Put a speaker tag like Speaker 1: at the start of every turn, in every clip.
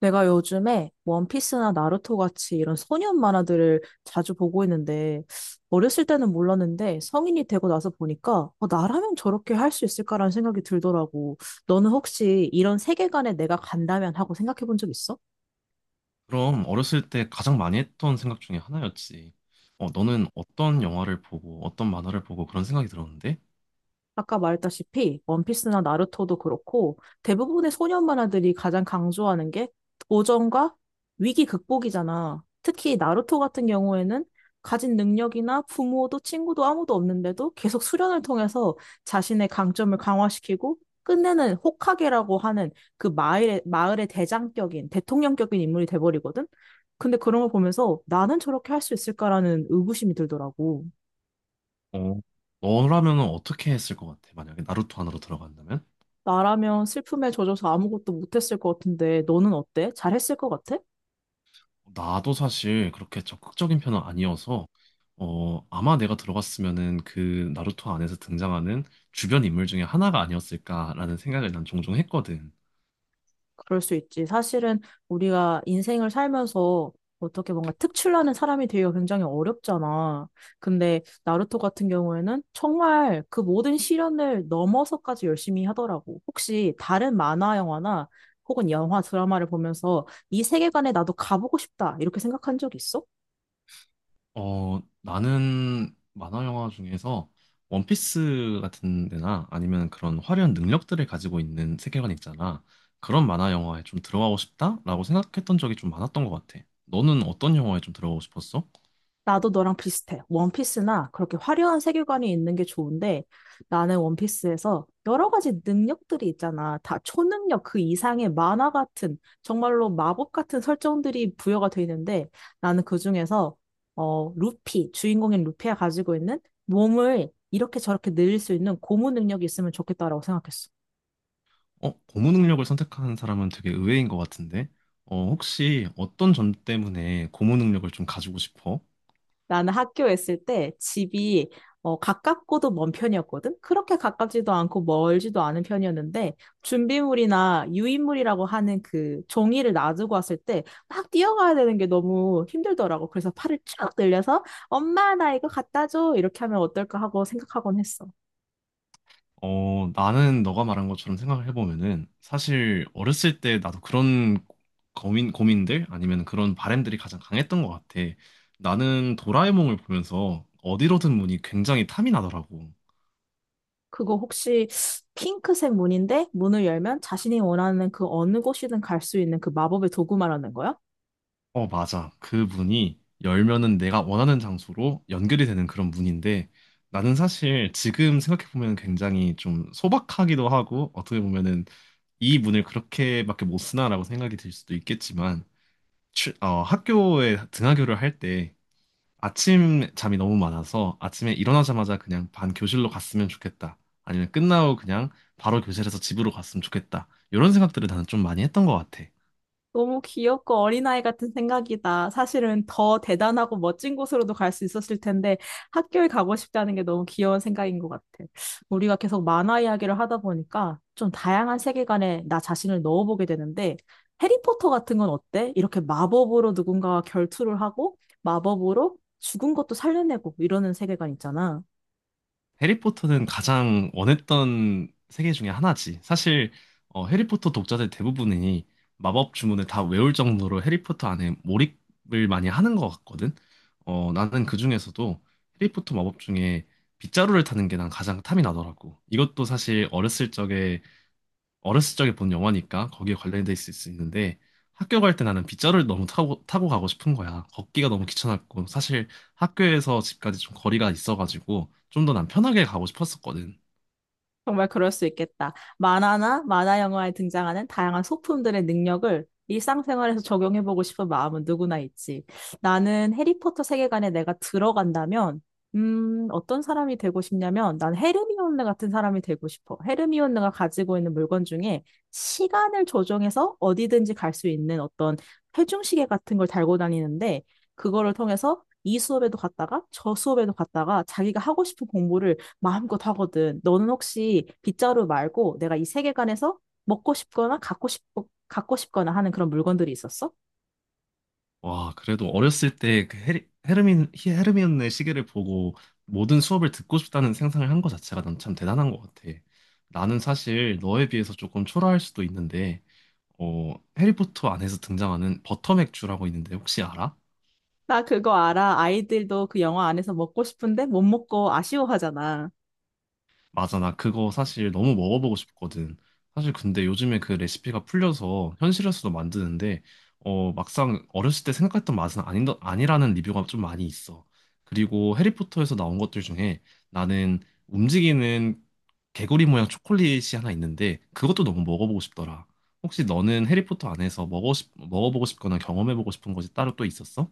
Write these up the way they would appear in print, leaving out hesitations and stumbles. Speaker 1: 내가 요즘에 원피스나 나루토 같이 이런 소년 만화들을 자주 보고 있는데, 어렸을 때는 몰랐는데, 성인이 되고 나서 보니까, 나라면 저렇게 할 수 있을까라는 생각이 들더라고. 너는 혹시 이런 세계관에 내가 간다면 하고 생각해 본 적 있어?
Speaker 2: 그럼 어렸을 때 가장 많이 했던 생각 중에 하나였지. 너는 어떤 영화를 보고 어떤 만화를 보고 그런 생각이 들었는데?
Speaker 1: 아까 말했다시피 원피스나 나루토도 그렇고 대부분의 소년 만화들이 가장 강조하는 게 도전과 위기 극복이잖아. 특히 나루토 같은 경우에는 가진 능력이나 부모도 친구도 아무도 없는데도 계속 수련을 통해서 자신의 강점을 강화시키고 끝내는 호카게라고 하는 그 마을의 대장격인 대통령격인 인물이 돼버리거든. 근데 그런 걸 보면서 나는 저렇게 할 수 있을까라는 의구심이 들더라고.
Speaker 2: 어, 너라면 어떻게 했을 것 같아? 만약에 나루토 안으로 들어간다면?
Speaker 1: 나라면 슬픔에 젖어서 아무것도 못했을 것 같은데, 너는 어때? 잘했을 것 같아?
Speaker 2: 나도 사실 그렇게 적극적인 편은 아니어서 아마 내가 들어갔으면은 그 나루토 안에서 등장하는 주변 인물 중에 하나가 아니었을까라는 생각을 난 종종 했거든.
Speaker 1: 그럴 수 있지. 사실은 우리가 인생을 살면서 어떻게 뭔가 특출나는 사람이 되기가 굉장히 어렵잖아. 근데 나루토 같은 경우에는 정말 그 모든 시련을 넘어서까지 열심히 하더라고. 혹시 다른 만화 영화나 혹은 영화 드라마를 보면서 이 세계관에 나도 가보고 싶다. 이렇게 생각한 적 있어?
Speaker 2: 나는 만화 영화 중에서 원피스 같은 데나 아니면 그런 화려한 능력들을 가지고 있는 세계관 있잖아. 그런 만화 영화에 좀 들어가고 싶다라고 생각했던 적이 좀 많았던 것 같아. 너는 어떤 영화에 좀 들어가고 싶었어?
Speaker 1: 나도 너랑 비슷해. 원피스나 그렇게 화려한 세계관이 있는 게 좋은데 나는 원피스에서 여러 가지 능력들이 있잖아. 다 초능력 그 이상의 만화 같은 정말로 마법 같은 설정들이 부여가 돼 있는데 나는 그중에서 루피, 주인공인 루피가 가지고 있는 몸을 이렇게 저렇게 늘릴 수 있는 고무 능력이 있으면 좋겠다라고 생각했어.
Speaker 2: 고무 능력을 선택하는 사람은 되게 의외인 것 같은데. 혹시 어떤 점 때문에 고무 능력을 좀 가지고 싶어?
Speaker 1: 나는 학교에 있을 때 집이 가깝고도 먼 편이었거든? 그렇게 가깝지도 않고 멀지도 않은 편이었는데, 준비물이나 유인물이라고 하는 그 종이를 놔두고 왔을 때, 막 뛰어가야 되는 게 너무 힘들더라고. 그래서 팔을 쭉 늘려서, 엄마, 나 이거 갖다 줘. 이렇게 하면 어떨까 하고 생각하곤 했어.
Speaker 2: 나는 너가 말한 것처럼 생각을 해보면은 사실 어렸을 때 나도 그런 고민들 아니면 그런 바램들이 가장 강했던 것 같아. 나는 도라에몽을 보면서 어디로든 문이 굉장히 탐이 나더라고.
Speaker 1: 그거 혹시 핑크색 문인데, 문을 열면 자신이 원하는 그 어느 곳이든 갈 수 있는 그 마법의 도구 말하는 거야?
Speaker 2: 맞아. 그 문이 열면은 내가 원하는 장소로 연결이 되는 그런 문인데 나는 사실 지금 생각해보면 굉장히 좀 소박하기도 하고 어떻게 보면은 이 문을 그렇게밖에 못 쓰나라고 생각이 들 수도 있겠지만 학교에 등하교를 할 때 아침 잠이 너무 많아서 아침에 일어나자마자 그냥 반 교실로 갔으면 좋겠다. 아니면 끝나고 그냥 바로 교실에서 집으로 갔으면 좋겠다. 이런 생각들을 나는 좀 많이 했던 것 같아.
Speaker 1: 너무 귀엽고 어린아이 같은 생각이다. 사실은 더 대단하고 멋진 곳으로도 갈 수 있었을 텐데 학교에 가고 싶다는 게 너무 귀여운 생각인 것 같아. 우리가 계속 만화 이야기를 하다 보니까 좀 다양한 세계관에 나 자신을 넣어보게 되는데 해리포터 같은 건 어때? 이렇게 마법으로 누군가와 결투를 하고 마법으로 죽은 것도 살려내고 이러는 세계관 있잖아.
Speaker 2: 해리포터는 가장 원했던 세계 중에 하나지. 사실 해리포터 독자들 대부분이 마법 주문을 다 외울 정도로 해리포터 안에 몰입을 많이 하는 것 같거든. 나는 그 중에서도 해리포터 마법 중에 빗자루를 타는 게 난 가장 탐이 나더라고. 이것도 사실 어렸을 적에 어렸을 적에 본 영화니까 거기에 관련돼 있을 수 있는데 학교 갈 때 나는 빗자루를 너무 타고 가고 싶은 거야. 걷기가 너무 귀찮았고 사실 학교에서 집까지 좀 거리가 있어가지고 좀 더 난 편하게 가고 싶었었거든.
Speaker 1: 정말 그럴 수 있겠다. 만화나 만화 영화에 등장하는 다양한 소품들의 능력을 일상생활에서 적용해보고 싶은 마음은 누구나 있지. 나는 해리포터 세계관에 내가 들어간다면, 어떤 사람이 되고 싶냐면, 난 헤르미온느 같은 사람이 되고 싶어. 헤르미온느가 가지고 있는 물건 중에 시간을 조정해서 어디든지 갈 수 있는 어떤 회중시계 같은 걸 달고 다니는데, 그거를 통해서 이 수업에도 갔다가 저 수업에도 갔다가 자기가 하고 싶은 공부를 마음껏 하거든. 너는 혹시 빗자루 말고 내가 이 세계관에서 먹고 싶거나 갖고 싶, 갖고 싶거나 하는 그런 물건들이 있었어?
Speaker 2: 와, 그래도 어렸을 때 그 헤르미온의 시계를 보고 모든 수업을 듣고 싶다는 생각을 한 것 자체가 난 참 대단한 것 같아. 나는 사실 너에 비해서 조금 초라할 수도 있는데 어, 해리포터 안에서 등장하는 버터맥주라고 있는데 혹시 알아?
Speaker 1: 나 그거 알아. 아이들도 그 영화 안에서 먹고 싶은데 못 먹고 아쉬워하잖아.
Speaker 2: 맞아, 나 그거 사실 너무 먹어보고 싶거든. 사실 근데 요즘에 그 레시피가 풀려서 현실에서도 만드는데, 막상 어렸을 때 생각했던 맛은 아니라는 리뷰가 좀 많이 있어. 그리고 해리포터에서 나온 것들 중에 나는 움직이는 개구리 모양 초콜릿이 하나 있는데, 그것도 너무 먹어보고 싶더라. 혹시 너는 해리포터 안에서 먹어보고 싶거나 경험해보고 싶은 것이 따로 또 있었어?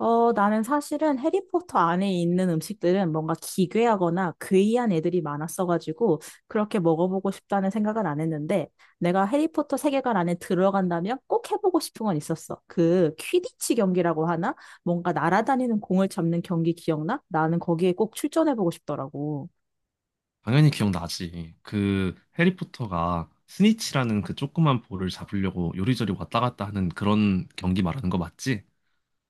Speaker 1: 나는 사실은 해리포터 안에 있는 음식들은 뭔가 기괴하거나 괴이한 애들이 많았어가지고 그렇게 먹어보고 싶다는 생각은 안 했는데 내가 해리포터 세계관 안에 들어간다면 꼭 해보고 싶은 건 있었어. 그 퀴디치 경기라고 하나? 뭔가 날아다니는 공을 잡는 경기 기억나? 나는 거기에 꼭 출전해보고 싶더라고.
Speaker 2: 당연히 기억나지. 그 해리포터가 스니치라는 그 조그만 볼을 잡으려고 요리조리 왔다 갔다 하는 그런 경기 말하는 거 맞지?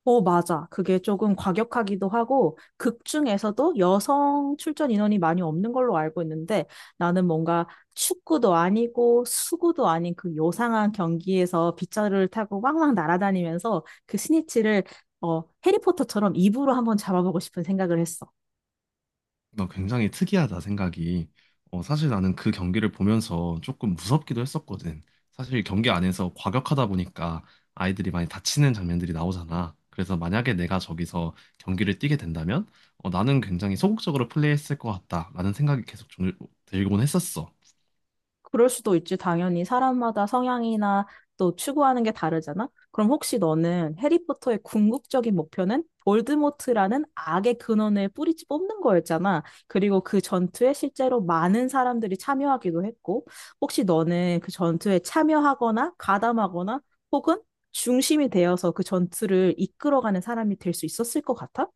Speaker 1: 어, 맞아. 그게 조금 과격하기도 하고, 극 중에서도 여성 출전 인원이 많이 없는 걸로 알고 있는데, 나는 뭔가 축구도 아니고, 수구도 아닌 그 요상한 경기에서 빗자루를 타고 왕왕 날아다니면서 그 스니치를, 해리포터처럼 입으로 한번 잡아보고 싶은 생각을 했어.
Speaker 2: 나 굉장히 특이하다 생각이. 사실 나는 그 경기를 보면서 조금 무섭기도 했었거든. 사실 경기 안에서 과격하다 보니까 아이들이 많이 다치는 장면들이 나오잖아. 그래서 만약에 내가 저기서 경기를 뛰게 된다면 나는 굉장히 소극적으로 플레이했을 것 같다라는 생각이 들곤 했었어.
Speaker 1: 그럴 수도 있지. 당연히 사람마다 성향이나 또 추구하는 게 다르잖아. 그럼 혹시 너는 해리포터의 궁극적인 목표는 볼드모트라는 악의 근원을 뿌리째 뽑는 거였잖아. 그리고 그 전투에 실제로 많은 사람들이 참여하기도 했고, 혹시 너는 그 전투에 참여하거나 가담하거나 혹은 중심이 되어서 그 전투를 이끌어가는 사람이 될 수 있었을 것 같아?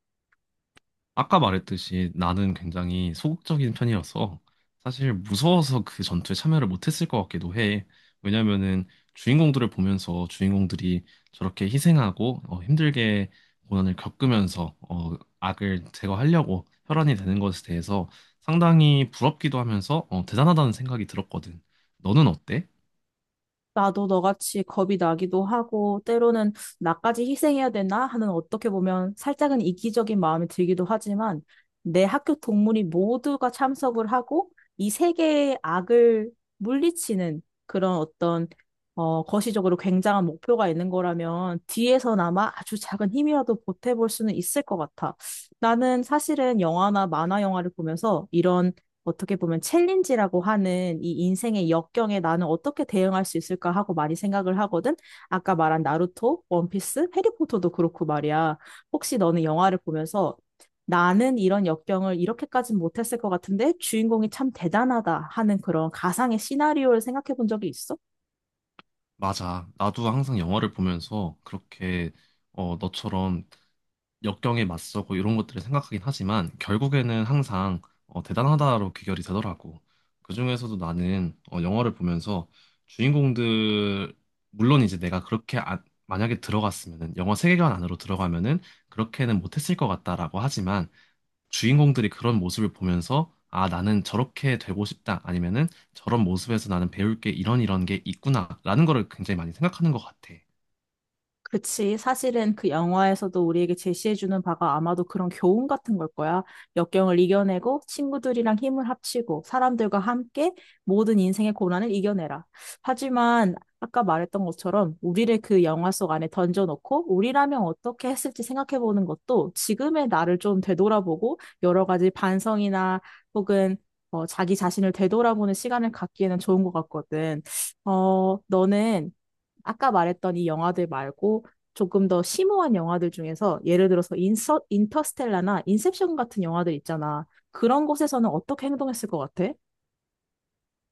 Speaker 2: 아까 말했듯이 나는 굉장히 소극적인 편이어서 사실 무서워서 그 전투에 참여를 못했을 것 같기도 해. 왜냐면은 주인공들을 보면서 주인공들이 저렇게 희생하고 힘들게 고난을 겪으면서 악을 제거하려고 혈안이 되는 것에 대해서 상당히 부럽기도 하면서 대단하다는 생각이 들었거든. 너는 어때?
Speaker 1: 나도 너같이 겁이 나기도 하고, 때로는 나까지 희생해야 되나 하는 어떻게 보면 살짝은 이기적인 마음이 들기도 하지만, 내 학교 동문이 모두가 참석을 하고, 이 세계의 악을 물리치는 그런 거시적으로 굉장한 목표가 있는 거라면, 뒤에서나마 아주 작은 힘이라도 보태볼 수는 있을 것 같아. 나는 사실은 영화나 만화 영화를 보면서 이런 어떻게 보면 챌린지라고 하는 이 인생의 역경에 나는 어떻게 대응할 수 있을까 하고 많이 생각을 하거든. 아까 말한 나루토, 원피스, 해리포터도 그렇고 말이야. 혹시 너는 영화를 보면서 나는 이런 역경을 이렇게까진 못했을 것 같은데 주인공이 참 대단하다 하는 그런 가상의 시나리오를 생각해 본 적이 있어?
Speaker 2: 맞아. 나도 항상 영화를 보면서 그렇게 너처럼 역경에 맞서고 이런 것들을 생각하긴 하지만 결국에는 항상 대단하다로 귀결이 되더라고. 그중에서도 나는 영화를 보면서 주인공들 물론 이제 내가 그렇게 안- 만약에 들어갔으면은 영화 세계관 안으로 들어가면은 그렇게는 못했을 것 같다라고 하지만 주인공들이 그런 모습을 보면서 아 나는 저렇게 되고 싶다 아니면은 저런 모습에서 나는 배울 게 이런 이런 게 있구나라는 거를 굉장히 많이 생각하는 것 같아.
Speaker 1: 그치. 사실은 그 영화에서도 우리에게 제시해주는 바가 아마도 그런 교훈 같은 걸 거야. 역경을 이겨내고 친구들이랑 힘을 합치고 사람들과 함께 모든 인생의 고난을 이겨내라. 하지만 아까 말했던 것처럼 우리를 그 영화 속 안에 던져놓고 우리라면 어떻게 했을지 생각해보는 것도 지금의 나를 좀 되돌아보고 여러 가지 반성이나 혹은 자기 자신을 되돌아보는 시간을 갖기에는 좋은 것 같거든. 너는 아까 말했던 이 영화들 말고 조금 더 심오한 영화들 중에서 예를 들어서 인터스텔라나 인셉션 같은 영화들 있잖아. 그런 곳에서는 어떻게 행동했을 것 같아?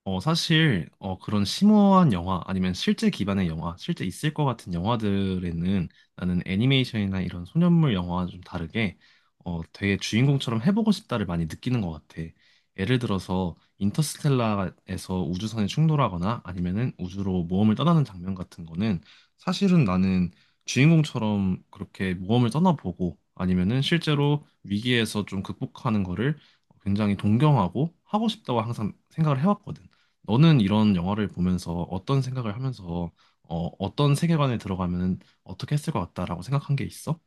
Speaker 2: 사실, 그런 심오한 영화, 아니면 실제 기반의 영화, 실제 있을 것 같은 영화들에는 나는 애니메이션이나 이런 소년물 영화와 좀 다르게, 되게 주인공처럼 해보고 싶다를 많이 느끼는 것 같아. 예를 들어서, 인터스텔라에서 우주선에 충돌하거나 아니면은 우주로 모험을 떠나는 장면 같은 거는 사실은 나는 주인공처럼 그렇게 모험을 떠나보고 아니면은 실제로 위기에서 좀 극복하는 거를 굉장히 동경하고 하고 싶다고 항상 생각을 해왔거든. 너는 이런 영화를 보면서 어떤 생각을 하면서 어떤 세계관에 들어가면 어떻게 했을 것 같다라고 생각한 게 있어?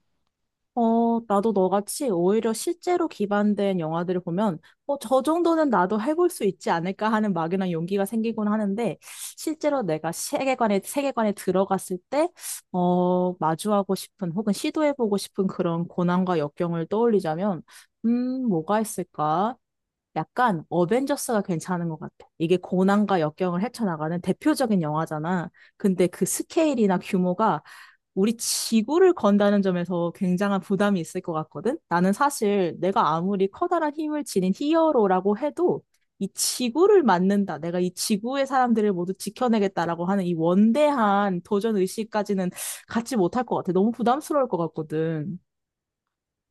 Speaker 1: 나도 너같이 오히려 실제로 기반된 영화들을 보면, 저 정도는 나도 해볼 수 있지 않을까 하는 막연한 용기가 생기곤 하는데, 실제로 내가 세계관에 들어갔을 때, 마주하고 싶은 혹은 시도해보고 싶은 그런 고난과 역경을 떠올리자면, 뭐가 있을까? 약간 어벤져스가 괜찮은 것 같아. 이게 고난과 역경을 헤쳐나가는 대표적인 영화잖아. 근데 그 스케일이나 규모가 우리 지구를 건다는 점에서 굉장한 부담이 있을 것 같거든? 나는 사실 내가 아무리 커다란 힘을 지닌 히어로라고 해도 이 지구를 맞는다 내가 이 지구의 사람들을 모두 지켜내겠다라고 하는 이 원대한 도전 의식까지는 갖지 못할 것 같아. 너무 부담스러울 것 같거든.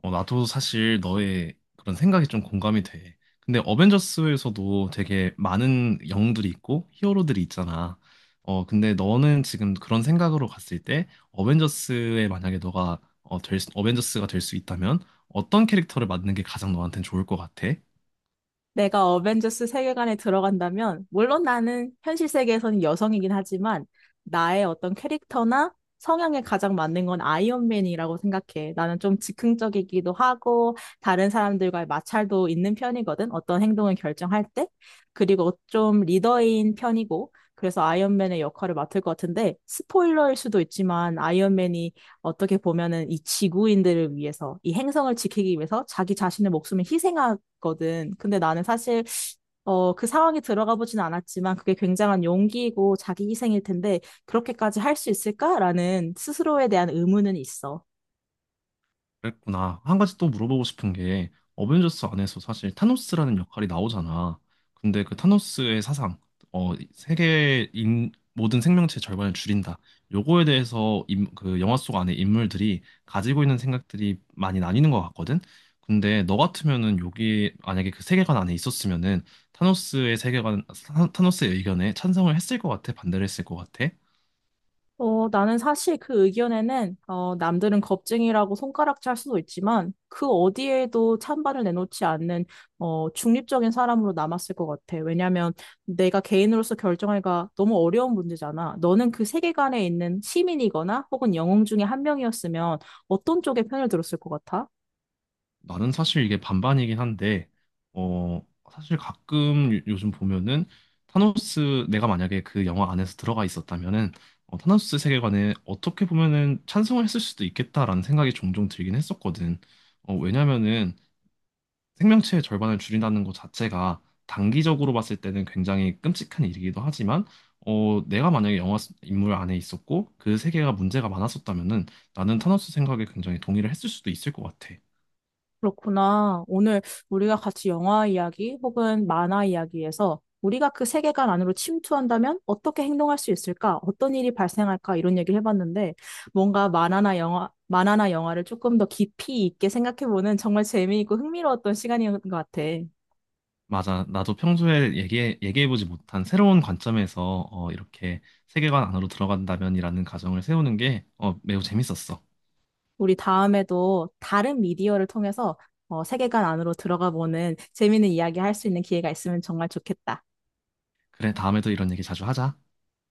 Speaker 2: 나도 사실 너의 그런 생각이 좀 공감이 돼. 근데 어벤져스에서도 되게 많은 영웅들이 있고 히어로들이 있잖아. 근데 너는 지금 그런 생각으로 갔을 때 어벤져스에 만약에 너가 벤져스가 될 수 있다면 어떤 캐릭터를 맡는 게 가장 너한테는 좋을 것 같아?
Speaker 1: 내가 어벤져스 세계관에 들어간다면, 물론 나는 현실 세계에서는 여성이긴 하지만, 나의 어떤 캐릭터나 성향에 가장 맞는 건 아이언맨이라고 생각해. 나는 좀 즉흥적이기도 하고, 다른 사람들과의 마찰도 있는 편이거든. 어떤 행동을 결정할 때. 그리고 좀 리더인 편이고, 그래서 아이언맨의 역할을 맡을 것 같은데, 스포일러일 수도 있지만, 아이언맨이 어떻게 보면은 이 지구인들을 위해서, 이 행성을 지키기 위해서 자기 자신의 목숨을 희생하, 거든. 근데 나는 사실 그 상황에 들어가 보진 않았지만 그게 굉장한 용기이고 자기 희생일 텐데 그렇게까지 할 수 있을까라는 스스로에 대한 의문은 있어.
Speaker 2: 그랬구나. 한 가지 또 물어보고 싶은 게 어벤져스 안에서 사실 타노스라는 역할이 나오잖아. 근데 그 타노스의 사상, 세계 인 모든 생명체 절반을 줄인다. 요거에 대해서 그 영화 속 안에 인물들이 가지고 있는 생각들이 많이 나뉘는 것 같거든. 근데 너 같으면은 여기 만약에 그 세계관 안에 있었으면은 타노스의 의견에 찬성을 했을 것 같아? 반대를 했을 것 같아?
Speaker 1: 나는 사실 그 의견에는 남들은 겁쟁이라고 손가락질할 수도 있지만 그 어디에도 찬반을 내놓지 않는 중립적인 사람으로 남았을 것 같아. 왜냐하면 내가 개인으로서 결정하기가 너무 어려운 문제잖아. 너는 그 세계관에 있는 시민이거나 혹은 영웅 중에 한 명이었으면 어떤 쪽의 편을 들었을 것 같아?
Speaker 2: 나는 사실 이게 반반이긴 한데, 어, 사실 가끔 요즘 보면은 타노스, 내가 만약에 그 영화 안에서 들어가 있었다면은, 타노스 세계관에 어떻게 보면은 찬성을 했을 수도 있겠다라는 생각이 종종 들긴 했었거든. 왜냐면은 생명체의 절반을 줄인다는 것 자체가 단기적으로 봤을 때는 굉장히 끔찍한 일이기도 하지만, 내가 만약에 인물 안에 있었고 그 세계가 문제가 많았었다면은 나는 타노스 생각에 굉장히 동의를 했을 수도 있을 것 같아.
Speaker 1: 그렇구나. 오늘 우리가 같이 영화 이야기 혹은 만화 이야기에서 우리가 그 세계관 안으로 침투한다면 어떻게 행동할 수 있을까? 어떤 일이 발생할까? 이런 얘기를 해봤는데 뭔가 만화나 영화를 조금 더 깊이 있게 생각해보는 정말 재미있고 흥미로웠던 시간이었던 것 같아.
Speaker 2: 맞아. 나도 평소에 얘기해보지 못한 새로운 관점에서 이렇게 세계관 안으로 들어간다면이라는 가정을 세우는 게 매우 재밌었어.
Speaker 1: 우리 다음에도 다른 미디어를 통해서 세계관 안으로 들어가 보는 재미있는 이야기 할 수 있는 기회가 있으면 정말 좋겠다.
Speaker 2: 그래, 다음에도 이런 얘기 자주 하자.